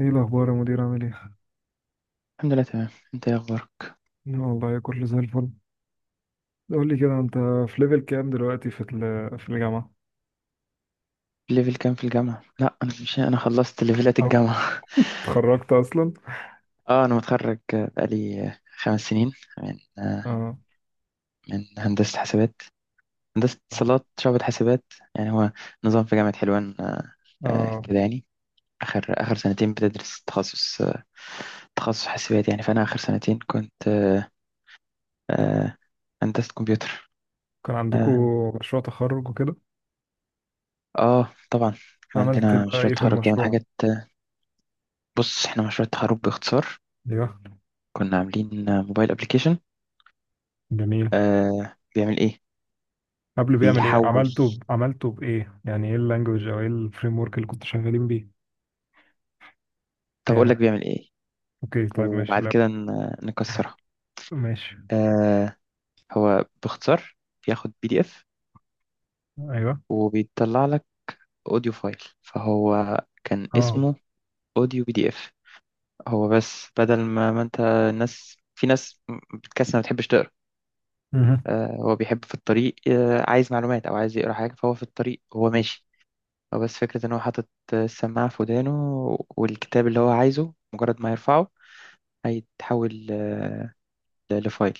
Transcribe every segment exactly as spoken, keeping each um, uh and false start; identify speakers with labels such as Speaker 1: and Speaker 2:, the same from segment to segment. Speaker 1: ايه الاخبار يا مدير عامل ايه؟
Speaker 2: الحمد لله تمام. انت ايه اخبارك؟
Speaker 1: لا والله كله زي الفل. قول لي كده انت، في ليفل كام دلوقتي في ال- في الجامعه؟
Speaker 2: ليفل كام في الجامعة؟ لا، انا مش، انا خلصت ليفلات
Speaker 1: اه،
Speaker 2: الجامعة.
Speaker 1: اتخرجت اصلا.
Speaker 2: اه انا متخرج بقالي خمس سنين من
Speaker 1: اه.
Speaker 2: من هندسة حسابات، هندسة
Speaker 1: اه.
Speaker 2: اتصالات شعبة حسابات. يعني هو نظام في جامعة حلوان. آه، آه،
Speaker 1: اه،
Speaker 2: كده يعني اخر اخر سنتين بتدرس تخصص، آه، تخصص حاسبات يعني. فانا اخر سنتين كنت، آه، آه، هندسة كمبيوتر.
Speaker 1: كان عندكم
Speaker 2: اه
Speaker 1: مشروع تخرج وكده؟
Speaker 2: آه، طبعا كان
Speaker 1: عملت
Speaker 2: عندنا
Speaker 1: بقى
Speaker 2: مشروع
Speaker 1: ايه في
Speaker 2: التخرج ده من
Speaker 1: المشروع؟
Speaker 2: حاجات. بص، احنا مشروع التخرج باختصار
Speaker 1: ايوه.
Speaker 2: كنا عاملين موبايل ابلكيشن.
Speaker 1: جميل.
Speaker 2: آه بيعمل ايه؟
Speaker 1: قبل بيعمل ايه،
Speaker 2: بيحول.
Speaker 1: عملته ب... عملته بايه، يعني ايه اللانجوج او ايه الفريم ورك اللي كنتوا شغالين بيه؟
Speaker 2: طب اقول لك
Speaker 1: يعني
Speaker 2: بيعمل ايه.
Speaker 1: اوكي طيب ماشي،
Speaker 2: وبعد
Speaker 1: لا.
Speaker 2: كده ن- نكسرها.
Speaker 1: ماشي.
Speaker 2: آه هو باختصار بياخد بي دي اف
Speaker 1: ايوه.
Speaker 2: وبيطلع لك اوديو فايل. فهو كان
Speaker 1: اه.
Speaker 2: اسمه اوديو بي دي اف. هو بس بدل ما, ما انت، الناس، في ناس بتكسل، ما بتحبش تقرا.
Speaker 1: مهم.
Speaker 2: آه هو بيحب في الطريق، آه عايز معلومات او عايز يقرا حاجه، فهو في الطريق وهو ماشي. هو بس فكرة إن هو حاطط السماعة في ودانه، والكتاب اللي هو عايزه مجرد ما يرفعه هيتحول آه، ل- لفايل،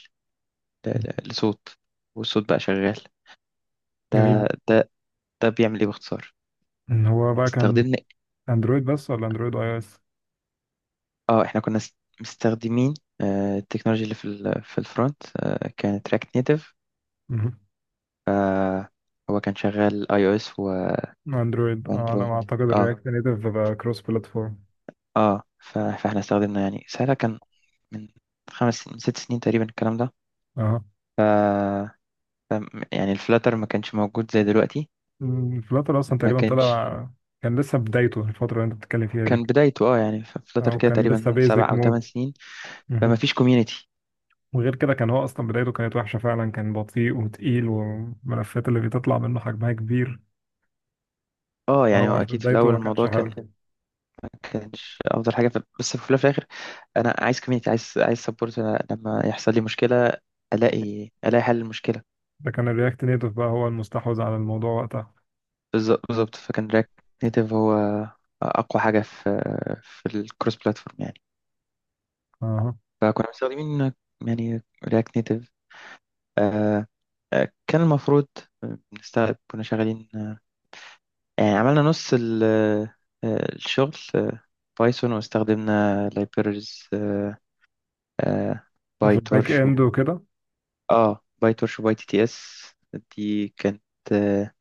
Speaker 2: ل- ل- لصوت، والصوت بقى شغال. ده
Speaker 1: جميل.
Speaker 2: ده ده بيعمل إيه باختصار؟
Speaker 1: هو بقى كان
Speaker 2: استخدمنا،
Speaker 1: اندرويد بس ولا اندرويد اي او
Speaker 2: اه احنا كنا س- مستخدمين آه، التكنولوجيا اللي في ال... في الفرونت آه، كانت رياكت نيتف.
Speaker 1: اس؟
Speaker 2: هو كان شغال اي او اس
Speaker 1: اندرويد، اه، على ما
Speaker 2: واندرويد.
Speaker 1: اعتقد
Speaker 2: اه
Speaker 1: الرياكت نيتف بقى كروس بلاتفورم.
Speaker 2: اه ف- فاحنا استخدمنا، يعني ساعتها كان من خمس من ست سنين تقريبا الكلام ده.
Speaker 1: اه،
Speaker 2: فم- يعني الفلاتر ما كانش موجود زي دلوقتي،
Speaker 1: الفلاتر اصلا
Speaker 2: ما
Speaker 1: تقريبا
Speaker 2: كانش.
Speaker 1: طلع، كان لسه بدايته الفتره اللي انت بتتكلم فيها دي.
Speaker 2: كان بدايته، اه يعني ف-
Speaker 1: اه
Speaker 2: فلاتر كده
Speaker 1: وكان لسه
Speaker 2: تقريبا سبع
Speaker 1: بيزك
Speaker 2: او ثمان
Speaker 1: مود.
Speaker 2: سنين. فما
Speaker 1: مهم.
Speaker 2: فيش كوميونتي.
Speaker 1: وغير كده كان هو اصلا بدايته كانت وحشه فعلا، كان بطيء وتقيل والملفات اللي بتطلع منه حجمها كبير.
Speaker 2: اه يعني
Speaker 1: فهو
Speaker 2: هو
Speaker 1: مم. في
Speaker 2: اكيد في
Speaker 1: بدايته
Speaker 2: الاول
Speaker 1: ما كانش
Speaker 2: الموضوع كان ما
Speaker 1: حلو.
Speaker 2: كانش افضل حاجه. ف- بس في الأول وفي الاخر انا عايز كوميونتي، عايز عايز سبورت. لما يحصل لي مشكله الاقي الاقي حل المشكله.
Speaker 1: ده كان الرياكت نيتف بقى هو المستحوذ على الموضوع وقتها.
Speaker 2: بالظبط بالظبط. فكان رياكت نيتيف هو اقوى حاجه في في الكروس بلاتفورم يعني.
Speaker 1: اه،
Speaker 2: فكنا مستخدمين يعني رياكت نيتيف. كان المفروض آه، بنستخدم، كنا شغالين، آه، يعني عملنا نص ال- آه، الشغل، آه، بايثون، واستخدمنا libraries آه، آه،
Speaker 1: ده في
Speaker 2: باي
Speaker 1: الباك
Speaker 2: تورش
Speaker 1: اند
Speaker 2: و...
Speaker 1: وكده.
Speaker 2: اه باي تورش وباي تي تي اس. دي كانت آه،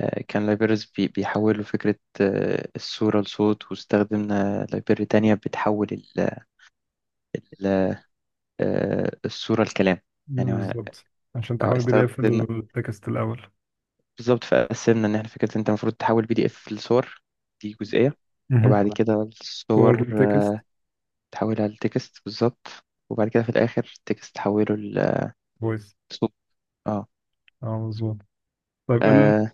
Speaker 2: آه، كان لايبرز بيحولوا فكرة آه، الصورة لصوت. واستخدمنا لايبرري تانية بتحول ال- ال- آه، الصورة لكلام. يعني،
Speaker 1: مم، بالظبط. عشان
Speaker 2: آه،
Speaker 1: تحول بي دي اف
Speaker 2: استخدمنا،
Speaker 1: التكست الاول.
Speaker 2: بالظبط. فقسمنا إن احنا فكرة، انت المفروض تحول بي دي اف لصور، دي جزئية.
Speaker 1: مهم.
Speaker 2: وبعد كده
Speaker 1: صور،
Speaker 2: الصور
Speaker 1: مظبوط،
Speaker 2: آه،
Speaker 1: للتكست.
Speaker 2: تحولها لتكست بالظبط. وبعد كده في الآخر تكست تحوله
Speaker 1: فويس.
Speaker 2: لصوت. اه
Speaker 1: اه مظبوط. طيب ال-
Speaker 2: اه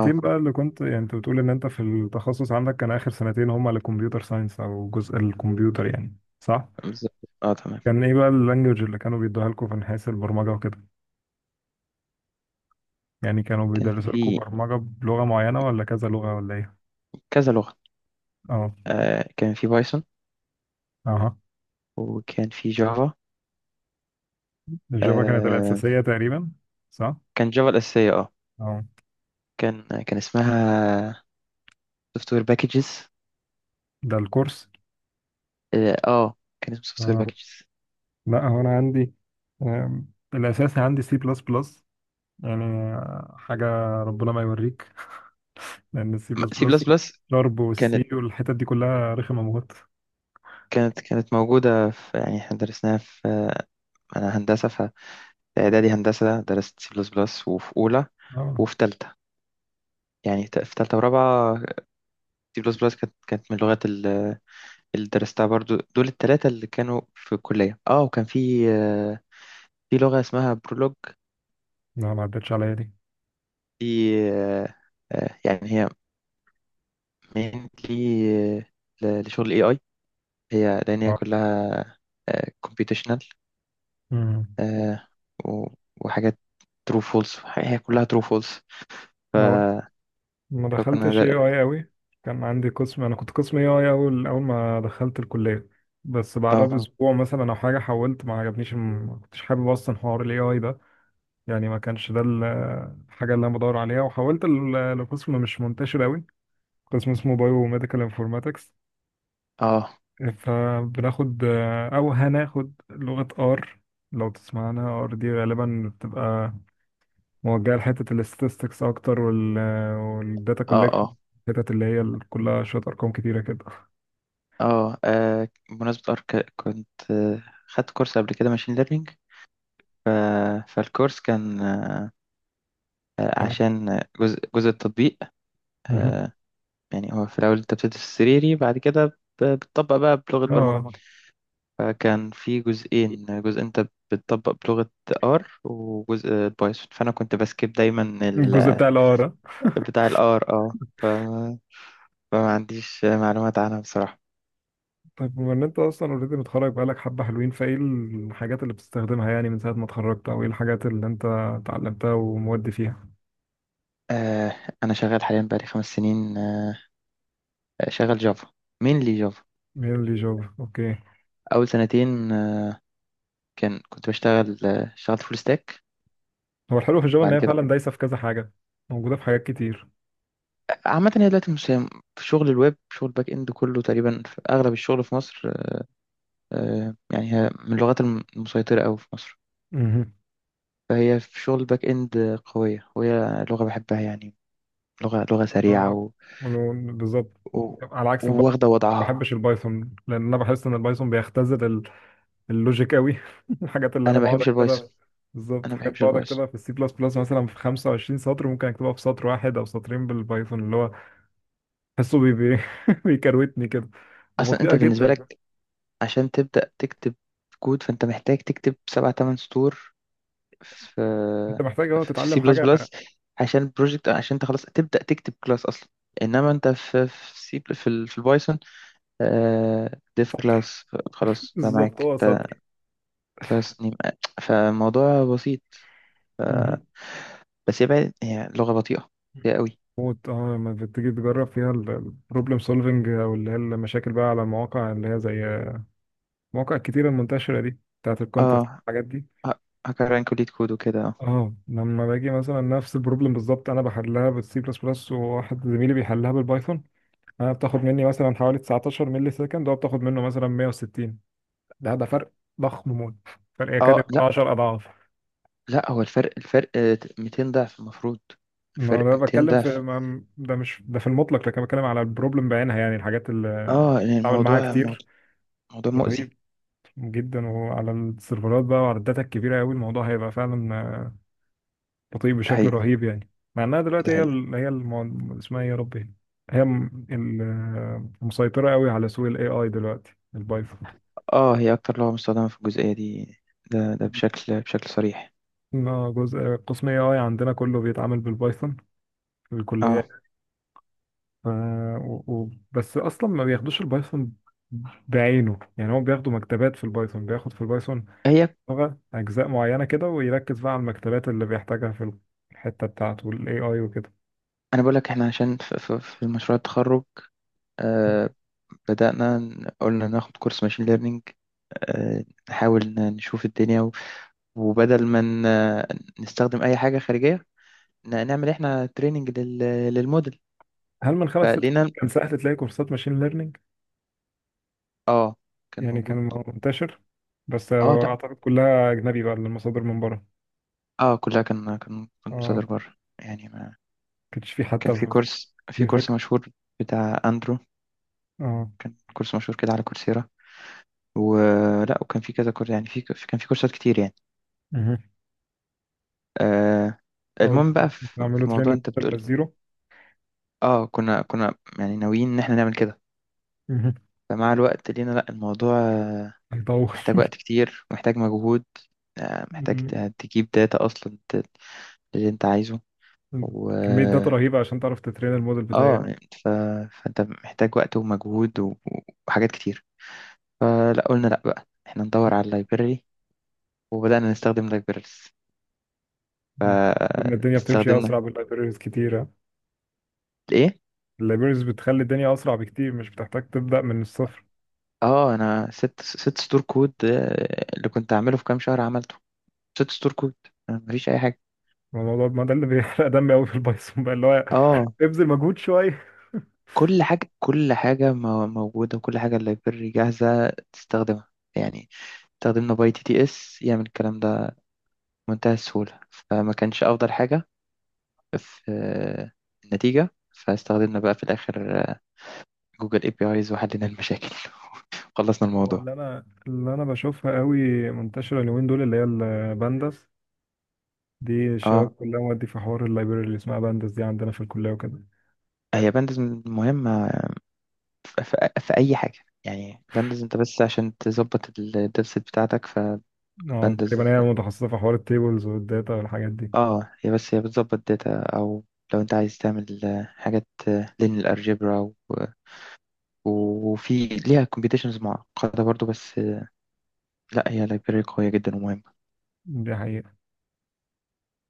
Speaker 2: اه
Speaker 1: بقى اللي كنت، يعني انت بتقول ان انت في التخصص عندك كان اخر سنتين هما الكمبيوتر ساينس او جزء الكمبيوتر، يعني صح؟
Speaker 2: بالظبط، اه تمام.
Speaker 1: كان ايه بقى اللانجوج اللي كانوا بيدوها لكم في نحاس البرمجة وكده؟ يعني كانوا
Speaker 2: كان
Speaker 1: بيدرسوا لكم
Speaker 2: في
Speaker 1: برمجة بلغة معينة ولا كذا لغة ولا ايه؟
Speaker 2: كذا لغة.
Speaker 1: اه.
Speaker 2: آه كان في بايثون،
Speaker 1: اها.
Speaker 2: وكان في جافا.
Speaker 1: الجافا كانت
Speaker 2: آه
Speaker 1: الأساسية تقريبا، صح؟
Speaker 2: كان جافا الأساسية اه.
Speaker 1: اه.
Speaker 2: كان كان اسمها سوفت وير باكجز.
Speaker 1: ده الكورس.
Speaker 2: اه آه، كان اسمه سوفت وير
Speaker 1: اه،
Speaker 2: باكجز.
Speaker 1: لا هو انا عندي، آم، الأساسي عندي سي بلس بلس، يعني آه، حاجة ربنا ما يوريك، لان السي بلس
Speaker 2: سي
Speaker 1: بلس
Speaker 2: بلس بلس
Speaker 1: شارب والسي
Speaker 2: كانت
Speaker 1: والحتت دي كلها رخمه موت.
Speaker 2: كانت كانت موجودة. في يعني احنا درسناها في، آه، أنا هندسة، فإعدادي هندسة درست سي بلس بلس وفي أولى
Speaker 1: اه،
Speaker 2: وفي تالتة. يعني ت- في تالتة ورابعة سي بلس بلس كانت كانت من اللغات ال- اللي درستها برضو دول التلاتة اللي كانوا في الكلية. اه وكان في، آه، في لغة اسمها برولوج.
Speaker 1: لا ما عدتش عليا دي.
Speaker 2: دي آه، آه، يعني هي mainly ل- لشغل اي اي. هي لان هي
Speaker 1: آه.
Speaker 2: كلها كومبيوتيشنال
Speaker 1: امم.
Speaker 2: وحاجات ترو فولس، هي كلها ترو فولس.
Speaker 1: هو
Speaker 2: فكنا
Speaker 1: ما دخلتش اي
Speaker 2: در...
Speaker 1: اي قوي، كان عندي قسم، انا كنت قسم اي اي اول اول ما دخلت الكليه، بس بعدها اه
Speaker 2: اه
Speaker 1: باسبوع مثلا او حاجه حولت، ما عجبنيش الم- ما كنتش حابب اصلا حوار الاي اي ده. يعني ما كانش ده ال- الحاجه اللي انا بدور عليها، وحولت ل- لقسم مش منتشر قوي، قسم اسمه بايو ميديكال انفورماتكس.
Speaker 2: اه
Speaker 1: فبناخد، او هناخد لغة ار. لو تسمعنا ار دي غالبا بتبقى موجهة لحتة الاستاتستكس اكتر، وال والداتا
Speaker 2: اه
Speaker 1: كولكشن.
Speaker 2: اه
Speaker 1: الحتت اللي هي كلها شوية ارقام كتيرة كده.
Speaker 2: اه. آه، بمناسبة ارك كنت، آه، خدت كورس قبل كده ماشين ليرنينج. فالكورس كان، آه، عشان جزء جزء التطبيق،
Speaker 1: مهم.
Speaker 2: آه، يعني هو في الأول أنت بتدرس السريري، بعد كده ب- بتطبق بقى بلغة برمجة.
Speaker 1: اه،
Speaker 2: فكان في جزئين، جزء أنت بتطبق بلغة R وجزء بايثون. فأنا كنت بسكيب دايما
Speaker 1: الجزء
Speaker 2: ال-
Speaker 1: بتاع الار.
Speaker 2: بتاع ال R. اه ف- فما عنديش معلومات عنها بصراحة.
Speaker 1: طيب بما ان انت اصلا اوريدي متخرج بقالك حبة حلوين، فايه الحاجات اللي بتستخدمها يعني من ساعة ما اتخرجت، او ايه الحاجات اللي انت اتعلمتها ومودي فيها؟
Speaker 2: آه، أنا شغال حاليا بقالي خمس سنين، آه، شغال جافا، مين لي جافا.
Speaker 1: مين اللي جافا، اوكي.
Speaker 2: أول سنتين، آه، كان كنت بشتغل، آه، اشتغلت فول ستاك.
Speaker 1: هو الحلو في الجافا ان
Speaker 2: وبعد
Speaker 1: هي
Speaker 2: كده
Speaker 1: فعلا دايسة في كذا حاجة، موجودة في حاجات كتير.
Speaker 2: عامة هي دلوقتي المس- في شغل الويب، شغل باك اند كله تقريبا في أغلب الشغل في مصر. آه، يعني هي من اللغات الم- المسيطرة أوي في مصر.
Speaker 1: مهم.
Speaker 2: فهي في شغل باك اند قوية، وهي لغة بحبها يعني، لغة لغة سريعة،
Speaker 1: اه،
Speaker 2: و...
Speaker 1: ولو- بالظبط.
Speaker 2: و...
Speaker 1: على عكس الب...
Speaker 2: وواخدة
Speaker 1: ما
Speaker 2: وضعها.
Speaker 1: بحبش البايثون، لان انا بحس ان البايثون بيختزل ال- اللوجيك قوي. الحاجات اللي
Speaker 2: أنا
Speaker 1: انا
Speaker 2: ما
Speaker 1: بقعد
Speaker 2: بحبش
Speaker 1: اكتبها
Speaker 2: البايثون.
Speaker 1: في- بالظبط،
Speaker 2: أنا ما
Speaker 1: حاجات
Speaker 2: بحبش
Speaker 1: بقعد
Speaker 2: البايثون.
Speaker 1: اكتبها في السي بلس بلس مثلا في خمسة وعشرين سطر ممكن اكتبها في سطر واحد او سطرين بالبايثون، اللي هو بحسه بي... بي... بيكروتني كده،
Speaker 2: أصلا أنت
Speaker 1: وبطيئه
Speaker 2: بالنسبة
Speaker 1: جدا.
Speaker 2: لك عشان تبدأ تكتب كود فأنت محتاج تكتب سبع تمن سطور في
Speaker 1: انت محتاج اه
Speaker 2: في
Speaker 1: تتعلم
Speaker 2: سي بلس
Speaker 1: حاجه.
Speaker 2: بلس، عشان بروجكت، عشان انت خلاص تبدأ تكتب كلاس اصلا. انما انت في في سي في, ال- في البايثون ديف
Speaker 1: سطر.
Speaker 2: كلاس خلاص، بقى
Speaker 1: بالظبط،
Speaker 2: معاك
Speaker 1: هو
Speaker 2: انت
Speaker 1: سطر.
Speaker 2: كلاس نيم. فالموضوع بسيط. ف-
Speaker 1: مهم.
Speaker 2: بس هي بقى هي لغة بطيئة، هي قوي.
Speaker 1: موت. اه، لما بتيجي تجرب فيها البروبلم سولفنج، او اللي هي المشاكل بقى على مواقع اللي هي زي مواقع كتيرة المنتشرة دي بتاعت الكونتست،
Speaker 2: اه،
Speaker 1: الحاجات دي.
Speaker 2: ه- هكران كلية كود وكده اه.
Speaker 1: اه، لما باجي مثلا نفس البروبلم بالظبط انا بحلها بالسي بلس بلس وواحد زميلي بيحلها بالبايثون، انا بتاخد مني مثلا حوالي تسعة عشر ملي سكند وهو بتاخد منه مثلا مية وستين. ده ده فرق ضخم موت، فرق يكاد
Speaker 2: اه
Speaker 1: يكون
Speaker 2: لا
Speaker 1: عشرة اضعاف.
Speaker 2: لا، هو الفرق الفرق آه، مئتين ضعف المفروض،
Speaker 1: ما هو
Speaker 2: الفرق
Speaker 1: ده
Speaker 2: مئتين
Speaker 1: بتكلم في،
Speaker 2: ضعف.
Speaker 1: ما ده مش ده في المطلق، لكن بتكلم على البروبلم بعينها يعني الحاجات اللي
Speaker 2: اه يعني
Speaker 1: بتعمل معاها
Speaker 2: الموضوع
Speaker 1: كتير.
Speaker 2: موضوع موضوع مؤذي.
Speaker 1: رهيب جدا، وعلى السيرفرات بقى وعلى الداتا الكبيرة قوي الموضوع هيبقى فعلا تطير
Speaker 2: ده
Speaker 1: بشكل
Speaker 2: حقيقي.
Speaker 1: رهيب يعني. مع انها دلوقتي
Speaker 2: ده
Speaker 1: هي
Speaker 2: حقيقي.
Speaker 1: ال... هي الم... اسمها ايه يا ربي، هي م- ال- مسيطرة قوي على سوق الاي اي دلوقتي، البايثون.
Speaker 2: اه هي اكتر لغة مستخدمة في الجزئية دي، ده ده بشكل بشكل صريح.
Speaker 1: ما جزء، قسم اي اي عندنا كله بيتعامل بالبايثون في
Speaker 2: اه
Speaker 1: الكلية. ف... و... و... بس اصلا ما بياخدوش البايثون بعينه، يعني هو بياخدوا مكتبات في البايثون، بياخد في البايثون
Speaker 2: هي،
Speaker 1: لغة اجزاء معينة كده، ويركز بقى على المكتبات اللي بيحتاجها في الحتة بتاعته الاي اي وكده.
Speaker 2: انا بقول لك احنا عشان في, في, في مشروع التخرج، آه بدأنا ن- قلنا ناخد كورس ماشين ليرنينج، آه نحاول ن- نشوف الدنيا، و- وبدل ما ن- نستخدم اي حاجة خارجية ن- نعمل احنا تريننج لل للموديل.
Speaker 1: هل من خمس ست سنين
Speaker 2: فلقينا،
Speaker 1: كان سهل تلاقي كورسات ماشين ليرنينج؟
Speaker 2: اه، كان
Speaker 1: يعني كان
Speaker 2: موجود.
Speaker 1: منتشر؟ بس
Speaker 2: اه
Speaker 1: هو
Speaker 2: لا،
Speaker 1: اعتقد كلها اجنبي بقى المصادر من بره.
Speaker 2: اه كلها كان كان كان
Speaker 1: اه،
Speaker 2: مصادر بره يعني، ما
Speaker 1: كانش في
Speaker 2: كان
Speaker 1: حتى
Speaker 2: في
Speaker 1: في
Speaker 2: كورس، في
Speaker 1: في
Speaker 2: كورس
Speaker 1: فكره.
Speaker 2: مشهور بتاع اندرو،
Speaker 1: اه.
Speaker 2: كان كورس مشهور كده على كورسيرا، ولا وكان في كذا كورس، يعني في كان في كورسات كتير يعني.
Speaker 1: مهم.
Speaker 2: آه.
Speaker 1: قلت
Speaker 2: المهم بقى، في
Speaker 1: تعملوا
Speaker 2: في
Speaker 1: ترين
Speaker 2: موضوع انت
Speaker 1: للموديل
Speaker 2: بتقول،
Speaker 1: بس زيرو.
Speaker 2: اه كنا كنا يعني ناويين ان احنا نعمل كده.
Speaker 1: مهم.
Speaker 2: فمع الوقت لينا لا، الموضوع آه،
Speaker 1: هيطول.
Speaker 2: محتاج وقت كتير، محتاج مجهود، آه محتاج
Speaker 1: مم.
Speaker 2: ت- تجيب داتا اصلا ت- اللي انت عايزه و
Speaker 1: كمية داتا رهيبة عشان تعرف تترين الموديل بتاعي،
Speaker 2: اه
Speaker 1: إن.
Speaker 2: ف... فانت محتاج وقت ومجهود و... وحاجات كتير. فلا، قلنا لا بقى، احنا ندور على اللايبراري، وبدأنا نستخدم لايبراريز.
Speaker 1: الدنيا بتمشي
Speaker 2: استخدمنا
Speaker 1: أسرع باللايبريز كتيرة.
Speaker 2: الايه.
Speaker 1: اللايبريز بتخلي الدنيا أسرع بكتير، مش بتحتاج تبدأ من الصفر.
Speaker 2: اه انا ست ست ستور كود، آه، اللي كنت اعمله في كام شهر عملته ست ستور كود. آه، مفيش اي حاجه.
Speaker 1: الموضوع، ما ده اللي بيحرق دمي أوي في البايثون بقى، اللي هو
Speaker 2: اه،
Speaker 1: ابذل مجهود شوية.
Speaker 2: كل حاجه كل حاجه مو- موجوده، وكل حاجه اللايبراري جاهزه تستخدمها يعني. استخدمنا باي تي تي اس يعمل الكلام ده بمنتهى السهوله، فما كانش افضل حاجه في آه، النتيجه. فاستخدمنا بقى في الاخر آه، جوجل اي بي ايز وحلينا المشاكل خلصنا
Speaker 1: هو
Speaker 2: الموضوع.
Speaker 1: اللي انا اللي انا بشوفها قوي منتشره اليومين دول اللي هي البانداس، دي الشباب
Speaker 2: اه
Speaker 1: كلها مودي في حوار اللايبراري اللي اسمها بانداس دي، عندنا في الكليه وكده.
Speaker 2: هي بندز مهمه في, في أي حاجة. يعني بندز أنت بس عشان تظبط الداتا بتاعتك.
Speaker 1: اه،
Speaker 2: فبندز،
Speaker 1: تقريبا هي متخصصه في حوار التيبلز والداتا والحاجات دي.
Speaker 2: اه، هي بس هي بتظبط داتا، أو لو أنت عايز تعمل آه، حاجات لين الألجبرا و... وفي ليها كومبيتيشنز معقدة برضو، بس آه، لا هي لايبراري قوية جدا ومهمة.
Speaker 1: دي حقيقه.